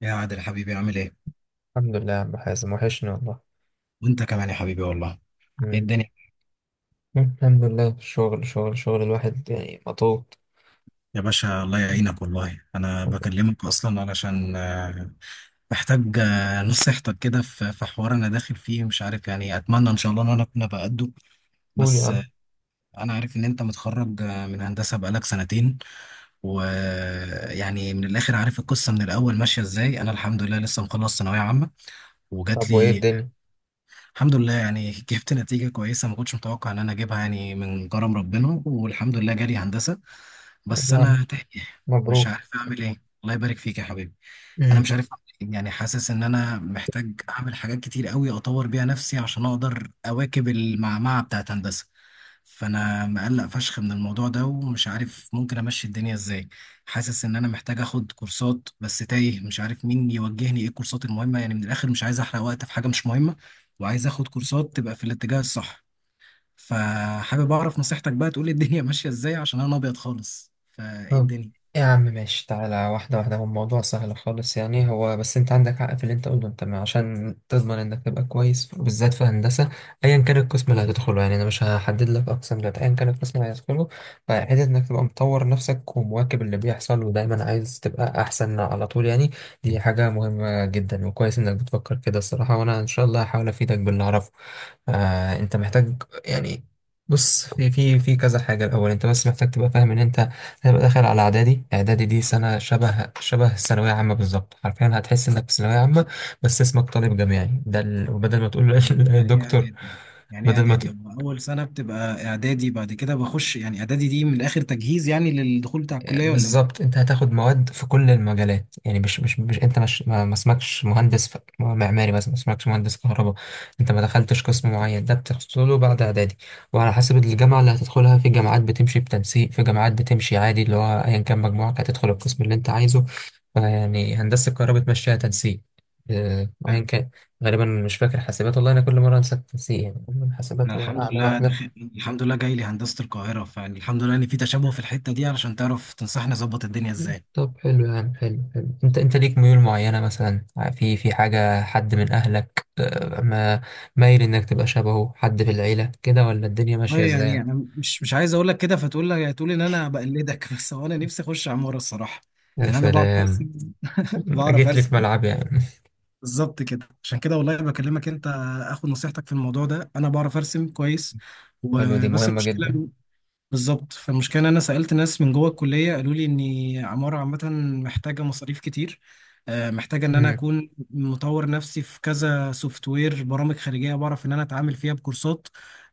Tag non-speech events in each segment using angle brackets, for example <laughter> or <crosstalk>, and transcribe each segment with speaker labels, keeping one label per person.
Speaker 1: يا عادل حبيبي، عامل ايه؟
Speaker 2: الحمد لله يا عم حازم، وحشني والله.
Speaker 1: وانت كمان يا حبيبي والله. ايه
Speaker 2: مم.
Speaker 1: الدنيا؟
Speaker 2: الحمد لله، شغل شغل شغل، الواحد يعني مضغوط.
Speaker 1: يا باشا الله يعينك والله. انا بكلمك اصلا علشان محتاج نصيحتك كده في حوار انا داخل فيه، مش عارف، يعني اتمنى ان شاء الله ان انا اكون بقده.
Speaker 2: قول يا
Speaker 1: بس،
Speaker 2: عم.
Speaker 1: انا عارف ان انت متخرج من هندسة بقالك سنتين، ويعني من الاخر عارف القصة من الاول ماشية ازاي. انا الحمد لله لسه مخلص ثانوية عامة وجات
Speaker 2: طب وايه
Speaker 1: لي
Speaker 2: الدنيا؟
Speaker 1: الحمد لله، يعني <laughs> جبت نتيجة كويسة، ما كنتش متوقع إن أنا أجيبها، يعني من كرم ربنا والحمد لله جالي هندسة،
Speaker 2: طب
Speaker 1: بس
Speaker 2: يا عم،
Speaker 1: أنا تايه. مش
Speaker 2: مبروك.
Speaker 1: عارف أعمل إيه. الله يبارك فيك يا حبيبي. أنا
Speaker 2: مم.
Speaker 1: مش عارف أعمل إيه، يعني حاسس إن أنا محتاج أعمل حاجات كتير قوي أطور بيها نفسي عشان أقدر أواكب المعمعة بتاعت هندسة، فأنا مقلق فشخ من الموضوع ده ومش عارف ممكن أمشي الدنيا إزاي. حاسس إن أنا محتاج آخد كورسات بس تايه، مش عارف مين يوجهني إيه الكورسات المهمة، يعني من الآخر مش عايز أحرق وقت في حاجة مش مهمة، وعايز اخد كورسات تبقى في الاتجاه الصح. فحابب اعرف نصيحتك بقى، تقولي الدنيا <laughs> ماشيه ازاي عشان انا ابيض خالص، فايه
Speaker 2: طب
Speaker 1: الدنيا؟
Speaker 2: يا عم ماشي، تعالى واحدة واحدة. هو الموضوع سهل خالص يعني. هو بس انت عندك حق في اللي انت قلته. انت عشان تضمن انك تبقى كويس، بالذات في هندسة، ايا كان القسم اللي هتدخله، يعني انا مش هحدد لك اقسام دلوقتي، ايا كان القسم اللي هتدخله، فحته انك تبقى مطور نفسك ومواكب اللي بيحصل ودايما عايز تبقى احسن على طول يعني. دي حاجة مهمة جدا، وكويس انك بتفكر كده الصراحة، وانا ان شاء الله هحاول افيدك باللي اعرفه. آه انت محتاج يعني، بص في كذا حاجة. الأول أنت بس محتاج تبقى فاهم إن أنت هيبقى داخل على اعدادي. اعدادي دي سنه شبه الثانويه عامه بالظبط، حرفيا هتحس انك في ثانويه عامه، بس اسمك طالب جامعي. ده ال... وبدل ما
Speaker 1: هو
Speaker 2: تقول
Speaker 1: يعني
Speaker 2: <laughs>
Speaker 1: يعني ايه
Speaker 2: دكتور،
Speaker 1: اعدادي؟ يعني ايه
Speaker 2: بدل ما
Speaker 1: اعدادي؟
Speaker 2: تقول،
Speaker 1: هو اول سنه بتبقى اعدادي بعد كده بخش، يعني اعدادي دي من الاخر تجهيز يعني للدخول بتاع الكليه ولا ايه؟
Speaker 2: بالظبط. انت هتاخد مواد في كل المجالات يعني، مش انت مش ما اسمكش مهندس معماري مثلا، ما اسمكش مهندس كهرباء. انت ما دخلتش قسم معين، ده بتحصله بعد اعدادي. وعلى حسب الجامعه اللي هتدخلها، في جامعات بتمشي بتنسيق، في جامعات بتمشي عادي، اللي هو ايا كان مجموعك هتدخل القسم اللي انت عايزه. فيعني هندسه الكهرباء بتمشيها تنسيق. اه، ايا
Speaker 1: تمام.
Speaker 2: كان، غالبا مش فاكر حاسبات. والله انا كل مره انسى التنسيق، يعني
Speaker 1: انا
Speaker 2: حاسبات هي
Speaker 1: الحمد
Speaker 2: اعلى
Speaker 1: لله
Speaker 2: واحده.
Speaker 1: الحمد لله جاي لي هندسه القاهره، فيعني الحمد لله ان في تشابه في الحته دي علشان تعرف تنصحني اظبط الدنيا ازاي.
Speaker 2: طب حلو يا عم، حلو حلو. انت انت ليك ميول معينة مثلا؟ في في حاجة، حد من اهلك آه، ما مايل انك تبقى شبهه حد في العيلة كده، ولا الدنيا ماشية
Speaker 1: والله
Speaker 2: ازاي
Speaker 1: يعني
Speaker 2: يعني؟
Speaker 1: انا مش عايز اقول لك كده فتقول لك تقول ان انا بقلدك <laughs> بس هو انا نفسي اخش عماره الصراحه.
Speaker 2: يا
Speaker 1: يعني انا بعرف
Speaker 2: سلام،
Speaker 1: ارسم. بعرف
Speaker 2: جيت لي
Speaker 1: ارسم
Speaker 2: في ملعبي يعني.
Speaker 1: بالظبط كده، عشان كده والله بكلمك انت اخد نصيحتك في الموضوع ده. انا بعرف ارسم كويس،
Speaker 2: حلو، دي
Speaker 1: وبس
Speaker 2: مهمة
Speaker 1: المشكله
Speaker 2: جدا.
Speaker 1: بالظبط. فالمشكلة إن أنا سألت ناس من جوه الكلية، قالوا لي إن عمارة عامة محتاجة مصاريف كتير، محتاجة إن أنا
Speaker 2: مم.
Speaker 1: أكون مطور نفسي في كذا سوفت وير، برامج خارجية بعرف إن أنا أتعامل فيها بكورسات،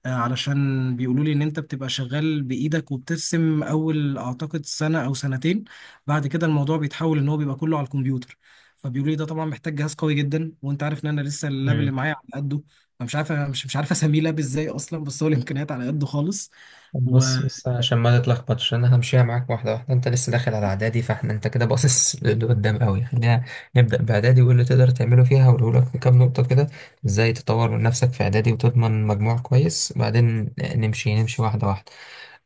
Speaker 1: علشان بيقولوا لي إن أنت بتبقى شغال بإيدك وبترسم أول أعتقد سنة أو سنتين، بعد كده الموضوع بيتحول إن هو بيبقى كله على الكمبيوتر. فبيقولوا لي ده طبعا محتاج جهاز قوي جدا، وأنت عارف إن أنا لسه اللاب اللي
Speaker 2: مم.
Speaker 1: معايا على قده، فمش عارف، مش عارف أسميه لاب إزاي أصلا، بس هو الإمكانيات على قده خالص.
Speaker 2: طب بص بص، عشان ما تتلخبطش انا همشيها معاك واحده واحده. انت لسه داخل على اعدادي، فاحنا انت كده باصص <laughs> لقدام قوي. خلينا نبدا باعدادي، وايه اللي تقدر تعمله فيها. هقوله لك في كام نقطه كده، ازاي تطور من نفسك في اعدادي وتضمن مجموع كويس. بعدين نمشي نمشي واحده واحده.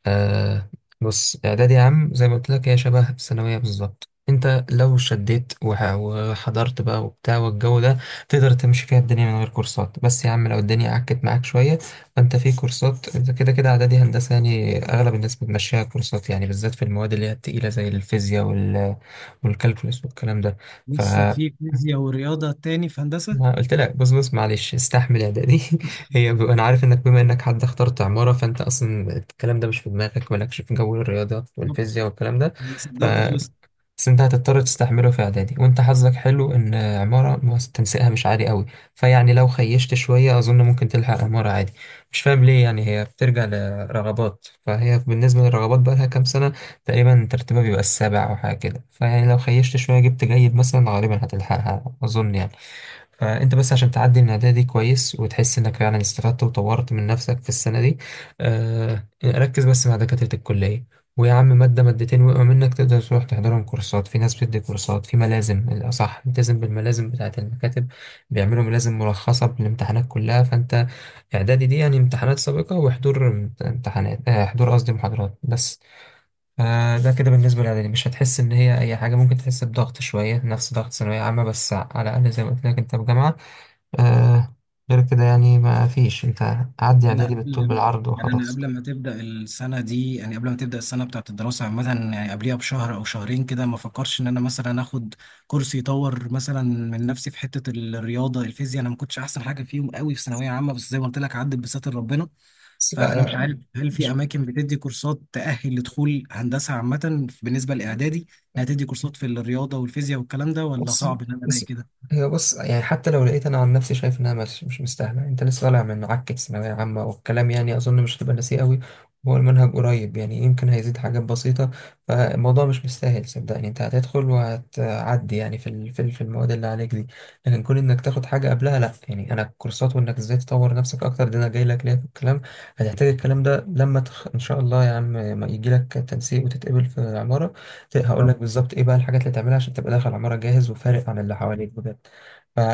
Speaker 2: آه. بص اعدادي يا عم، زي ما قلت لك هي شبه الثانويه بالظبط. انت لو شديت وحضرت بقى وبتاع والجو ده، تقدر تمشي فيها الدنيا من غير كورسات. بس يا عم، لو الدنيا عكت معاك شويه، فانت في كورسات. انت كده كده اعدادي هندسه، يعني اغلب الناس بتمشيها كورسات يعني، بالذات في المواد اللي هي التقيله زي الفيزياء وال والكالكولس والكلام ده.
Speaker 1: لسه في فيزياء ورياضة تاني في هندسة؟
Speaker 2: ما قلت لك، بص بص معلش، استحمل اعدادي <laughs> هي ب... انا عارف انك بما انك حد اخترت عمارة، فانت اصلا الكلام ده مش في دماغك، مالكش في جو الرياضيات
Speaker 1: بالظبط.
Speaker 2: والفيزياء والكلام ده.
Speaker 1: أنا
Speaker 2: ف
Speaker 1: صدقت خلصت.
Speaker 2: بس انت هتضطر تستحمله في اعدادي. وانت حظك حلو ان عمارة تنسيقها مش عالي قوي. فيعني لو خيشت شوية، اظن ممكن تلحق عمارة عادي. مش فاهم ليه يعني، هي بترجع لرغبات. فهي بالنسبة للرغبات بقى لها كام سنة تقريبا ترتيبها بيبقى السابع او حاجة كده. فيعني لو خيشت شوية جبت جيد مثلا، غالبا هتلحقها اظن يعني. فانت بس عشان تعدي من العادية دي كويس، وتحس انك فعلا استفدت وطورت من نفسك في السنة دي، آه ركز بس مع دكاترة الكلية. ويا عم مادة مادتين وقعوا منك، تقدر تروح تحضرهم كورسات. في ناس بتدي كورسات، في ملازم. الأصح التزم بالملازم بتاعة المكاتب، بيعملوا ملازم مرخصة بالامتحانات كلها. فانت إعدادي دي يعني امتحانات سابقة وحضور امتحانات، آه حضور قصدي محاضرات بس. آه ده كده بالنسبة للإعدادي. مش هتحس إن هي أي حاجة، ممكن تحس بضغط شوية نفس ضغط ثانوية عامة، بس على الأقل زي ما قلت لك أنت في جامعة. آه، غير كده يعني ما فيش. انت عدي
Speaker 1: أنا
Speaker 2: اعدادي بالطول
Speaker 1: قبل
Speaker 2: بالعرض
Speaker 1: يعني أنا
Speaker 2: وخلاص.
Speaker 1: قبل ما تبدأ السنة دي، يعني قبل ما تبدأ السنة بتاعة الدراسة عامة، يعني قبليها بشهر أو شهرين كده، ما فكرش إن أنا مثلا آخد كورس يطور مثلا من نفسي في حتة الرياضة الفيزياء؟ أنا ما كنتش أحسن حاجة فيهم قوي في ثانوية عامة، بس زي ما قلت لك عدت بستر ربنا.
Speaker 2: بس لا
Speaker 1: فأنا مش عارف
Speaker 2: لا،
Speaker 1: هل في
Speaker 2: مش
Speaker 1: أماكن بتدي كورسات تأهل لدخول هندسة عامة بالنسبة لإعدادي، إنها تدي كورسات في الرياضة والفيزياء والكلام ده، ولا
Speaker 2: بص
Speaker 1: صعب إن أنا ألاقي
Speaker 2: بص،
Speaker 1: كده؟
Speaker 2: هي بص يعني. حتى لو لقيت، انا عن نفسي شايف انها مش مستاهله. انت لسه طالع من عكه ثانويه عامه والكلام، يعني اظن مش هتبقى ناسيه قوي. هو المنهج قريب، يعني يمكن هيزيد حاجات بسيطه. فالموضوع مش مستاهل صدقني. انت هتدخل وهتعدي يعني في المواد اللي عليك دي. لكن كون انك تاخد حاجه قبلها لا. يعني انا الكورسات، وانك ازاي تطور نفسك اكتر، ده انا جاي لك ليه في الكلام. هتحتاج الكلام ده لما تخ... ان شاء الله يا عم ما يجي لك تنسيق وتتقبل في عماره،
Speaker 1: يا
Speaker 2: هقول لك
Speaker 1: رب.
Speaker 2: بالظبط ايه بقى الحاجات اللي تعملها عشان تبقى داخل عمارة جاهز وفارق عن اللي حواليك بجد.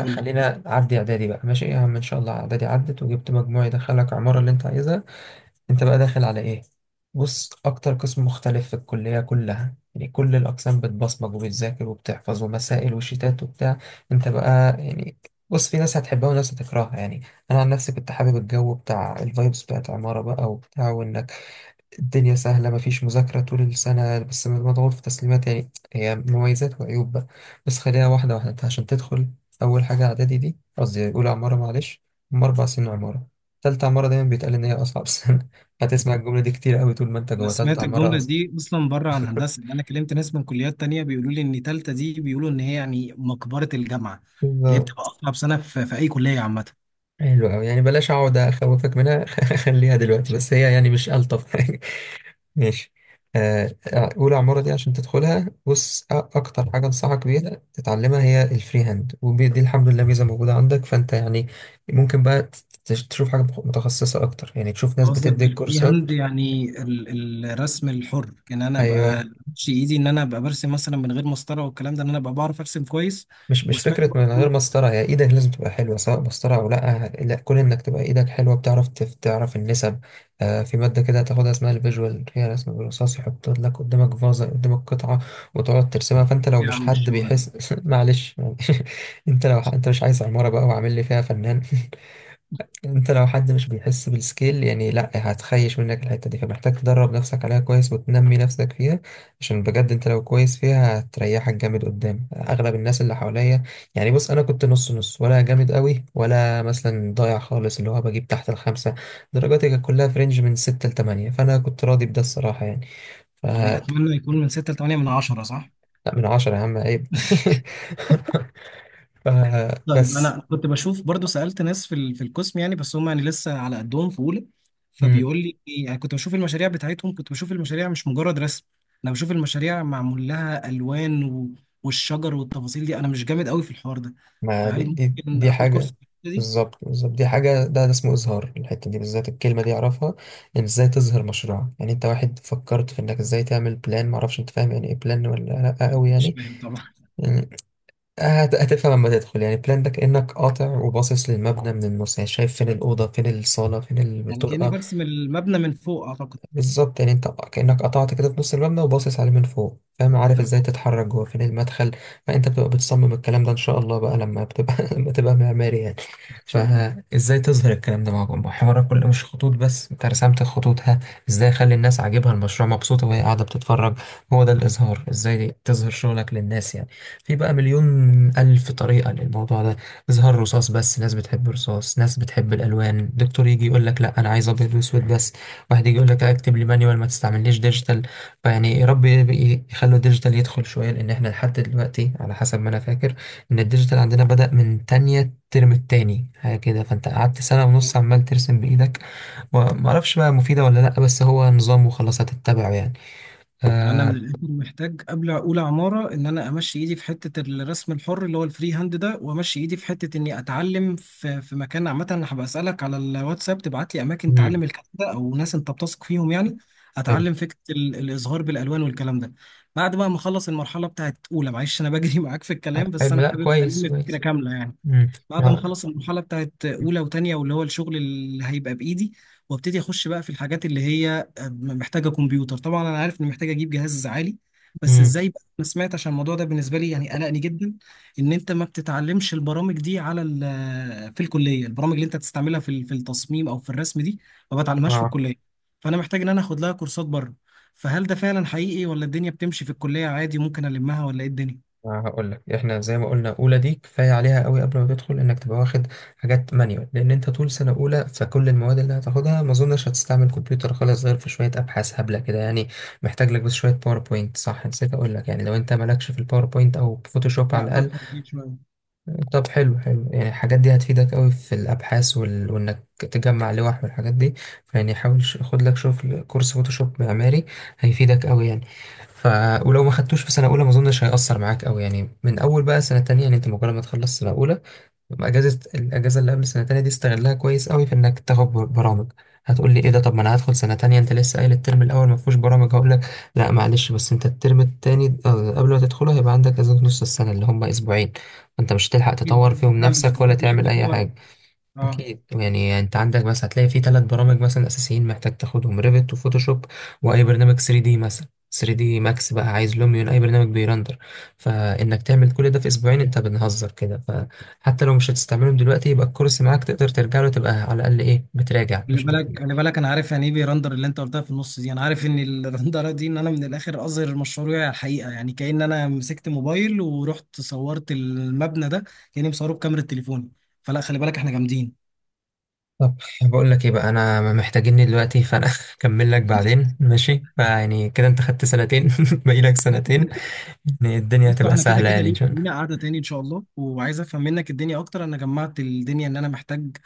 Speaker 1: قول.
Speaker 2: عدي اعدادي بقى ماشي يا عم. ان شاء الله اعدادي عدت وجبت مجموع يدخلك العمارة اللي انت عايزها. انت بقى داخل على ايه؟ بص، اكتر قسم مختلف في الكلية كلها، يعني كل الاقسام بتبصمج وبتذاكر وبتحفظ، ومسائل وشيتات وبتاع. انت بقى يعني، بص في ناس هتحبها وناس هتكرهها يعني. انا عن نفسي كنت حابب الجو بتاع الفايبس بتاعت عمارة بقى وبتاع. وان الدنيا سهلة، مفيش مذاكرة طول السنة، بس مضغوط في تسليمات. يعني هي مميزات وعيوب بقى. بس خليها واحدة واحدة. انت عشان تدخل أول حاجة، إعدادي دي قصدي أولى عمارة معلش. هم أربع سنين عمارة. تالتة عمارة دايما بيتقال إن هي أصعب سنة <laughs> هتسمع الجملة دي كتير أوي طول ما أنت
Speaker 1: انا
Speaker 2: جوه تالتة
Speaker 1: سمعت
Speaker 2: عمارة
Speaker 1: الجمله
Speaker 2: أصلا.
Speaker 1: دي اصلا بره عن هندسه، يعني انا كلمت ناس من كليات تانية، بيقولوا لي ان تالتة دي بيقولوا ان هي يعني مقبره الجامعه، اللي هي بتبقى
Speaker 2: بالظبط.
Speaker 1: اصعب سنه في اي كليه عامه.
Speaker 2: حلو أوي، يعني بلاش أقعد أخوفك منها <laughs> خليها دلوقتي، بس هي يعني مش ألطف حاجة. ماشي. آه، أولى عمارة دي عشان تدخلها بص، أكتر حاجة أنصحك بيها تتعلمها هي الفري هاند. ودي دي الحمد لله ميزة موجودة عندك، فأنت يعني ممكن بقى تشوف حاجة متخصصة أكتر، يعني تشوف
Speaker 1: أنا
Speaker 2: ناس
Speaker 1: قصدك
Speaker 2: بتديك
Speaker 1: بالفري
Speaker 2: كورسات.
Speaker 1: هاند يعني الرسم الحر، يعني انا ابقى
Speaker 2: أيوه.
Speaker 1: امشي ايدي ان انا ابقى برسم مثلا من غير مسطره والكلام ده، ان انا ابقى بعرف ارسم كويس،
Speaker 2: مش
Speaker 1: وسمعت
Speaker 2: فكرة
Speaker 1: برضه
Speaker 2: من غير مسطرة، هي ايدك لازم تبقى حلوة سواء مسطرة او لا. لا كون انك تبقى ايدك حلوة، بتعرف تعرف النسب. آه، في مادة كده تاخدها اسمها الفيجوال، هي رسم بالرصاص. يحط لك قدامك فازة، قدامك قطعة وتقعد ترسمها. فانت لو
Speaker 1: يا
Speaker 2: مش
Speaker 1: عم
Speaker 2: حد
Speaker 1: الشغل ده.
Speaker 2: بيحس <laughs> معلش يعني. <laughs> انت لو ح- انت مش عايز عمارة بقى وعامل لي فيها فنان. انت لو حد مش بيحس بالسكيل، يعني لا هتخيش منك الحتة دي. فمحتاج تدرب نفسك عليها كويس، وتنمي نفسك فيها. عشان بجد انت لو كويس فيها هتريحك جامد قدام اغلب الناس اللي حواليا. يعني بص انا كنت نص نص، ولا جامد قوي، ولا مثلا ضايع خالص اللي هو بجيب تحت الخمسة. درجاتي كانت كلها في رينج من ستة لتمانية، فانا كنت راضي بده الصراحة يعني. ف
Speaker 1: يعني اتمنى يكون من 6 ل 8 من 10، صح؟
Speaker 2: لا من عشرة يا عم، عيب. <laughs> ف
Speaker 1: طيب
Speaker 2: بس.
Speaker 1: انا كنت بشوف برضو، سالت ناس في القسم، يعني بس هم يعني لسه على قدهم في اولى، فبيقول لي، يعني كنت بشوف المشاريع بتاعتهم، كنت بشوف المشاريع مش مجرد رسم، انا بشوف المشاريع معمول لها الوان والشجر والتفاصيل دي، انا مش جامد قوي في الحوار ده،
Speaker 2: ما دي
Speaker 1: فهل
Speaker 2: دي,
Speaker 1: ممكن
Speaker 2: دي
Speaker 1: اخد كورس في
Speaker 2: حاجة.
Speaker 1: الحتة دي؟
Speaker 2: بالظبط بالظبط دي حاجة، ده اسمه إظهار. الحتة دي بالذات الكلمة دي أعرفها، إن إزاي تظهر مشروع. يعني أنت واحد فكرت في إنك إزاي تعمل بلان، معرفش أنت فاهم يعني إيه بلان ولا لأ
Speaker 1: انا
Speaker 2: أوي
Speaker 1: مش
Speaker 2: يعني.
Speaker 1: فاهم طبعا.
Speaker 2: يعني هتفهم لما تدخل. يعني بلان ده كأنك قاطع وباصص للمبنى من النص، يعني شايف فين الأوضة، فين الصالة، فين
Speaker 1: يعني كاني
Speaker 2: الطرقة.
Speaker 1: برسم المبنى من فوق اعتقد.
Speaker 2: بالظبط يعني انت كأنك قطعت كده في نص المبنى وباصص عليه من فوق، فاهم، عارف ازاي
Speaker 1: تمام.
Speaker 2: تتحرك جوه، فين المدخل. فانت بتبقى بتصمم الكلام ده ان شاء الله بقى لما بتبقى <laughs> لما تبقى معماري يعني.
Speaker 1: ان شاء الله.
Speaker 2: فازاي تظهر الكلام ده معاكم؟ حوار كل، مش خطوط بس انت رسمت الخطوط، ها، ازاي اخلي الناس عاجبها المشروع، مبسوطة وهي قاعدة بتتفرج؟ هو ده الاظهار، ازاي تظهر شغلك للناس يعني. في بقى مليون الف طريقة للموضوع ده. اظهار رصاص بس، ناس بتحب الرصاص، ناس بتحب الالوان. دكتور يجي يقول لك لا انا عايز ابيض واسود بس. واحد يجي يقول لك لا اكتب لي مانيوال، ما تستعمليش ديجيتال. فيعني يا رب يخلوا الديجيتال يدخل شويه، لان احنا لحد دلوقتي على حسب ما انا فاكر ان الديجيتال عندنا بدأ من تانية الترم التاني حاجه كده. فانت قعدت سنه ونص عمال ترسم بايدك، وما اعرفش بقى مفيده ولا لا، بس هو نظام وخلاص هتتبعه يعني.
Speaker 1: يعني انا من
Speaker 2: آه.
Speaker 1: الاخر محتاج قبل اقول عماره ان انا امشي ايدي في حته الرسم الحر اللي هو الفري هاند ده، وامشي ايدي في حته اني اتعلم في مكان عامه. انا هبقى اسالك على الواتساب تبعت لي اماكن
Speaker 2: مم.
Speaker 1: تعلم الكلام ده او ناس انت بتثق فيهم يعني،
Speaker 2: حلو.
Speaker 1: اتعلم فكره الازهار بالالوان والكلام ده. بعد بقى ما اخلص المرحله بتاعت اولى، معلش انا بجري <laughs> معاك في الكلام بس
Speaker 2: حلو،
Speaker 1: انا
Speaker 2: لا
Speaker 1: حابب
Speaker 2: كويس
Speaker 1: الم فكره
Speaker 2: كويس.
Speaker 1: كامله يعني.
Speaker 2: مم.
Speaker 1: بعد ما
Speaker 2: ما-
Speaker 1: اخلص المرحله بتاعت اولى وتانية، واللي هو الشغل اللي هيبقى بايدي، وابتدي اخش بقى في الحاجات اللي هي محتاجه كمبيوتر، طبعا انا عارف اني محتاج اجيب جهاز عالي، بس
Speaker 2: مم.
Speaker 1: ازاي بقى؟ انا سمعت، عشان الموضوع ده بالنسبه لي يعني قلقني جدا، ان انت ما بتتعلمش البرامج دي في الكليه، البرامج اللي انت تستعملها في التصميم او في الرسم دي ما بتعلمهاش في
Speaker 2: آه.
Speaker 1: الكليه، فانا محتاج ان انا اخد لها كورسات بره، فهل ده فعلا حقيقي ولا الدنيا بتمشي في الكليه عادي ممكن المها، ولا ايه الدنيا؟
Speaker 2: أنا هقول لك، احنا زي ما قلنا اولى دي كفايه عليها قوي قبل ما تدخل انك تبقى واخد حاجات مانيوال. لان انت طول سنه اولى، فكل المواد اللي هتاخدها ما اظنش هتستعمل كمبيوتر خالص، غير في شويه ابحاث هبله كده يعني. محتاج لك بس شويه باوربوينت، صح نسيت اقول لك، يعني لو انت مالكش في الباوربوينت او فوتوشوب على
Speaker 1: لا،
Speaker 2: الاقل.
Speaker 1: بفهم فيه شويه.
Speaker 2: طب حلو، حلو يعني. الحاجات دي هتفيدك قوي في الابحاث وال... وانك تجمع لوح والحاجات دي. فيعني حاول خد لك شغل كورس فوتوشوب معماري، هيفيدك قوي يعني. ف ولو ما خدتوش في سنه اولى، ما اظنش هيأثر معاك قوي يعني. من اول بقى سنه تانية، يعني انت مجرد ما تخلص سنه اولى، اجازه الاجازه اللي قبل سنه تانية دي استغلها كويس قوي في انك تاخد برامج. هتقول لي ايه ده، طب ما انا هدخل سنه تانية، انت لسه قايل الترم الاول ما فيهوش برامج. هقول لك لا معلش، بس انت الترم التاني آه، قبل ما تدخله هيبقى عندك اجازه نص السنه، اللي هم اسبوعين. انت مش هتلحق
Speaker 1: اكيد.
Speaker 2: تطور فيهم
Speaker 1: فاهمك،
Speaker 2: نفسك ولا
Speaker 1: اكيد مش
Speaker 2: تعمل
Speaker 1: هيبقى فيه
Speaker 2: اي
Speaker 1: وقت.
Speaker 2: حاجه.
Speaker 1: اه،
Speaker 2: أكيد يعني، أنت عندك بس هتلاقي في ثلاث برامج مثلا أساسيين محتاج تاخدهم: ريفيت، وفوتوشوب، وأي برنامج 3 دي مثلا. 3 دي ماكس بقى، عايز لوميون، أي برنامج بيرندر. فإنك تعمل كل ده في أسبوعين، أنت بنهزر كده. فحتى لو مش هتستعملهم دلوقتي يبقى الكورس معاك، تقدر ترجع له، تبقى على الأقل إيه، بتراجع
Speaker 1: خلي
Speaker 2: مش بت...
Speaker 1: بالك خلي بالك، انا عارف يعني ايه بيرندر اللي انت قلتها في النص دي، انا عارف ان الرندره دي ان انا من الاخر اظهر مشروعي على الحقيقه، يعني كأن انا مسكت موبايل ورحت صورت المبنى ده، كأني مصوره بكاميرا تليفوني، فلا خلي بالك احنا جامدين.
Speaker 2: طب بقول لك إيه بقى أنا محتاجيني دلوقتي، فأنا <laughs> أكمل لك بعدين ماشي. فيعني كده أنت خدت سنتين، <laughs> باقي لك سنتين، يعني الدنيا
Speaker 1: بصوا،
Speaker 2: هتبقى
Speaker 1: احنا كده
Speaker 2: سهلة
Speaker 1: كده
Speaker 2: يعني إن شاء الله.
Speaker 1: لينا قعدة تاني ان شاء الله، وعايز افهم منك الدنيا اكتر. انا جمعت الدنيا ان انا محتاج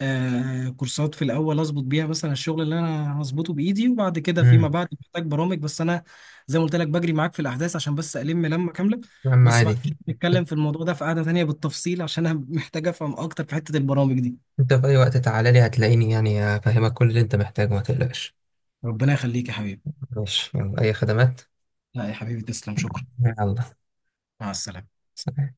Speaker 1: كورسات في الاول اظبط بيها مثلا الشغل اللي انا هظبطه بايدي، وبعد كده فيما
Speaker 2: أمم،
Speaker 1: بعد محتاج برامج، بس انا زي ما قلت لك بجري معاك في الاحداث عشان بس الم لمة كاملة،
Speaker 2: يا عم
Speaker 1: بس بعد
Speaker 2: عادي.
Speaker 1: كده نتكلم في الموضوع ده في قعدة تانية بالتفصيل، عشان انا <laughs> محتاج افهم اكتر في حتة البرامج دي.
Speaker 2: انت في اي وقت تعالى لي هتلاقيني يعني، افهمك كل اللي انت محتاجه ما تقلقش.
Speaker 1: ربنا يخليك يا حبيبي.
Speaker 2: ماشي، يلا اي خدمات.
Speaker 1: لا يا حبيبي، تسلم، شكرا.
Speaker 2: يلا.
Speaker 1: مع السلامة.
Speaker 2: سلام.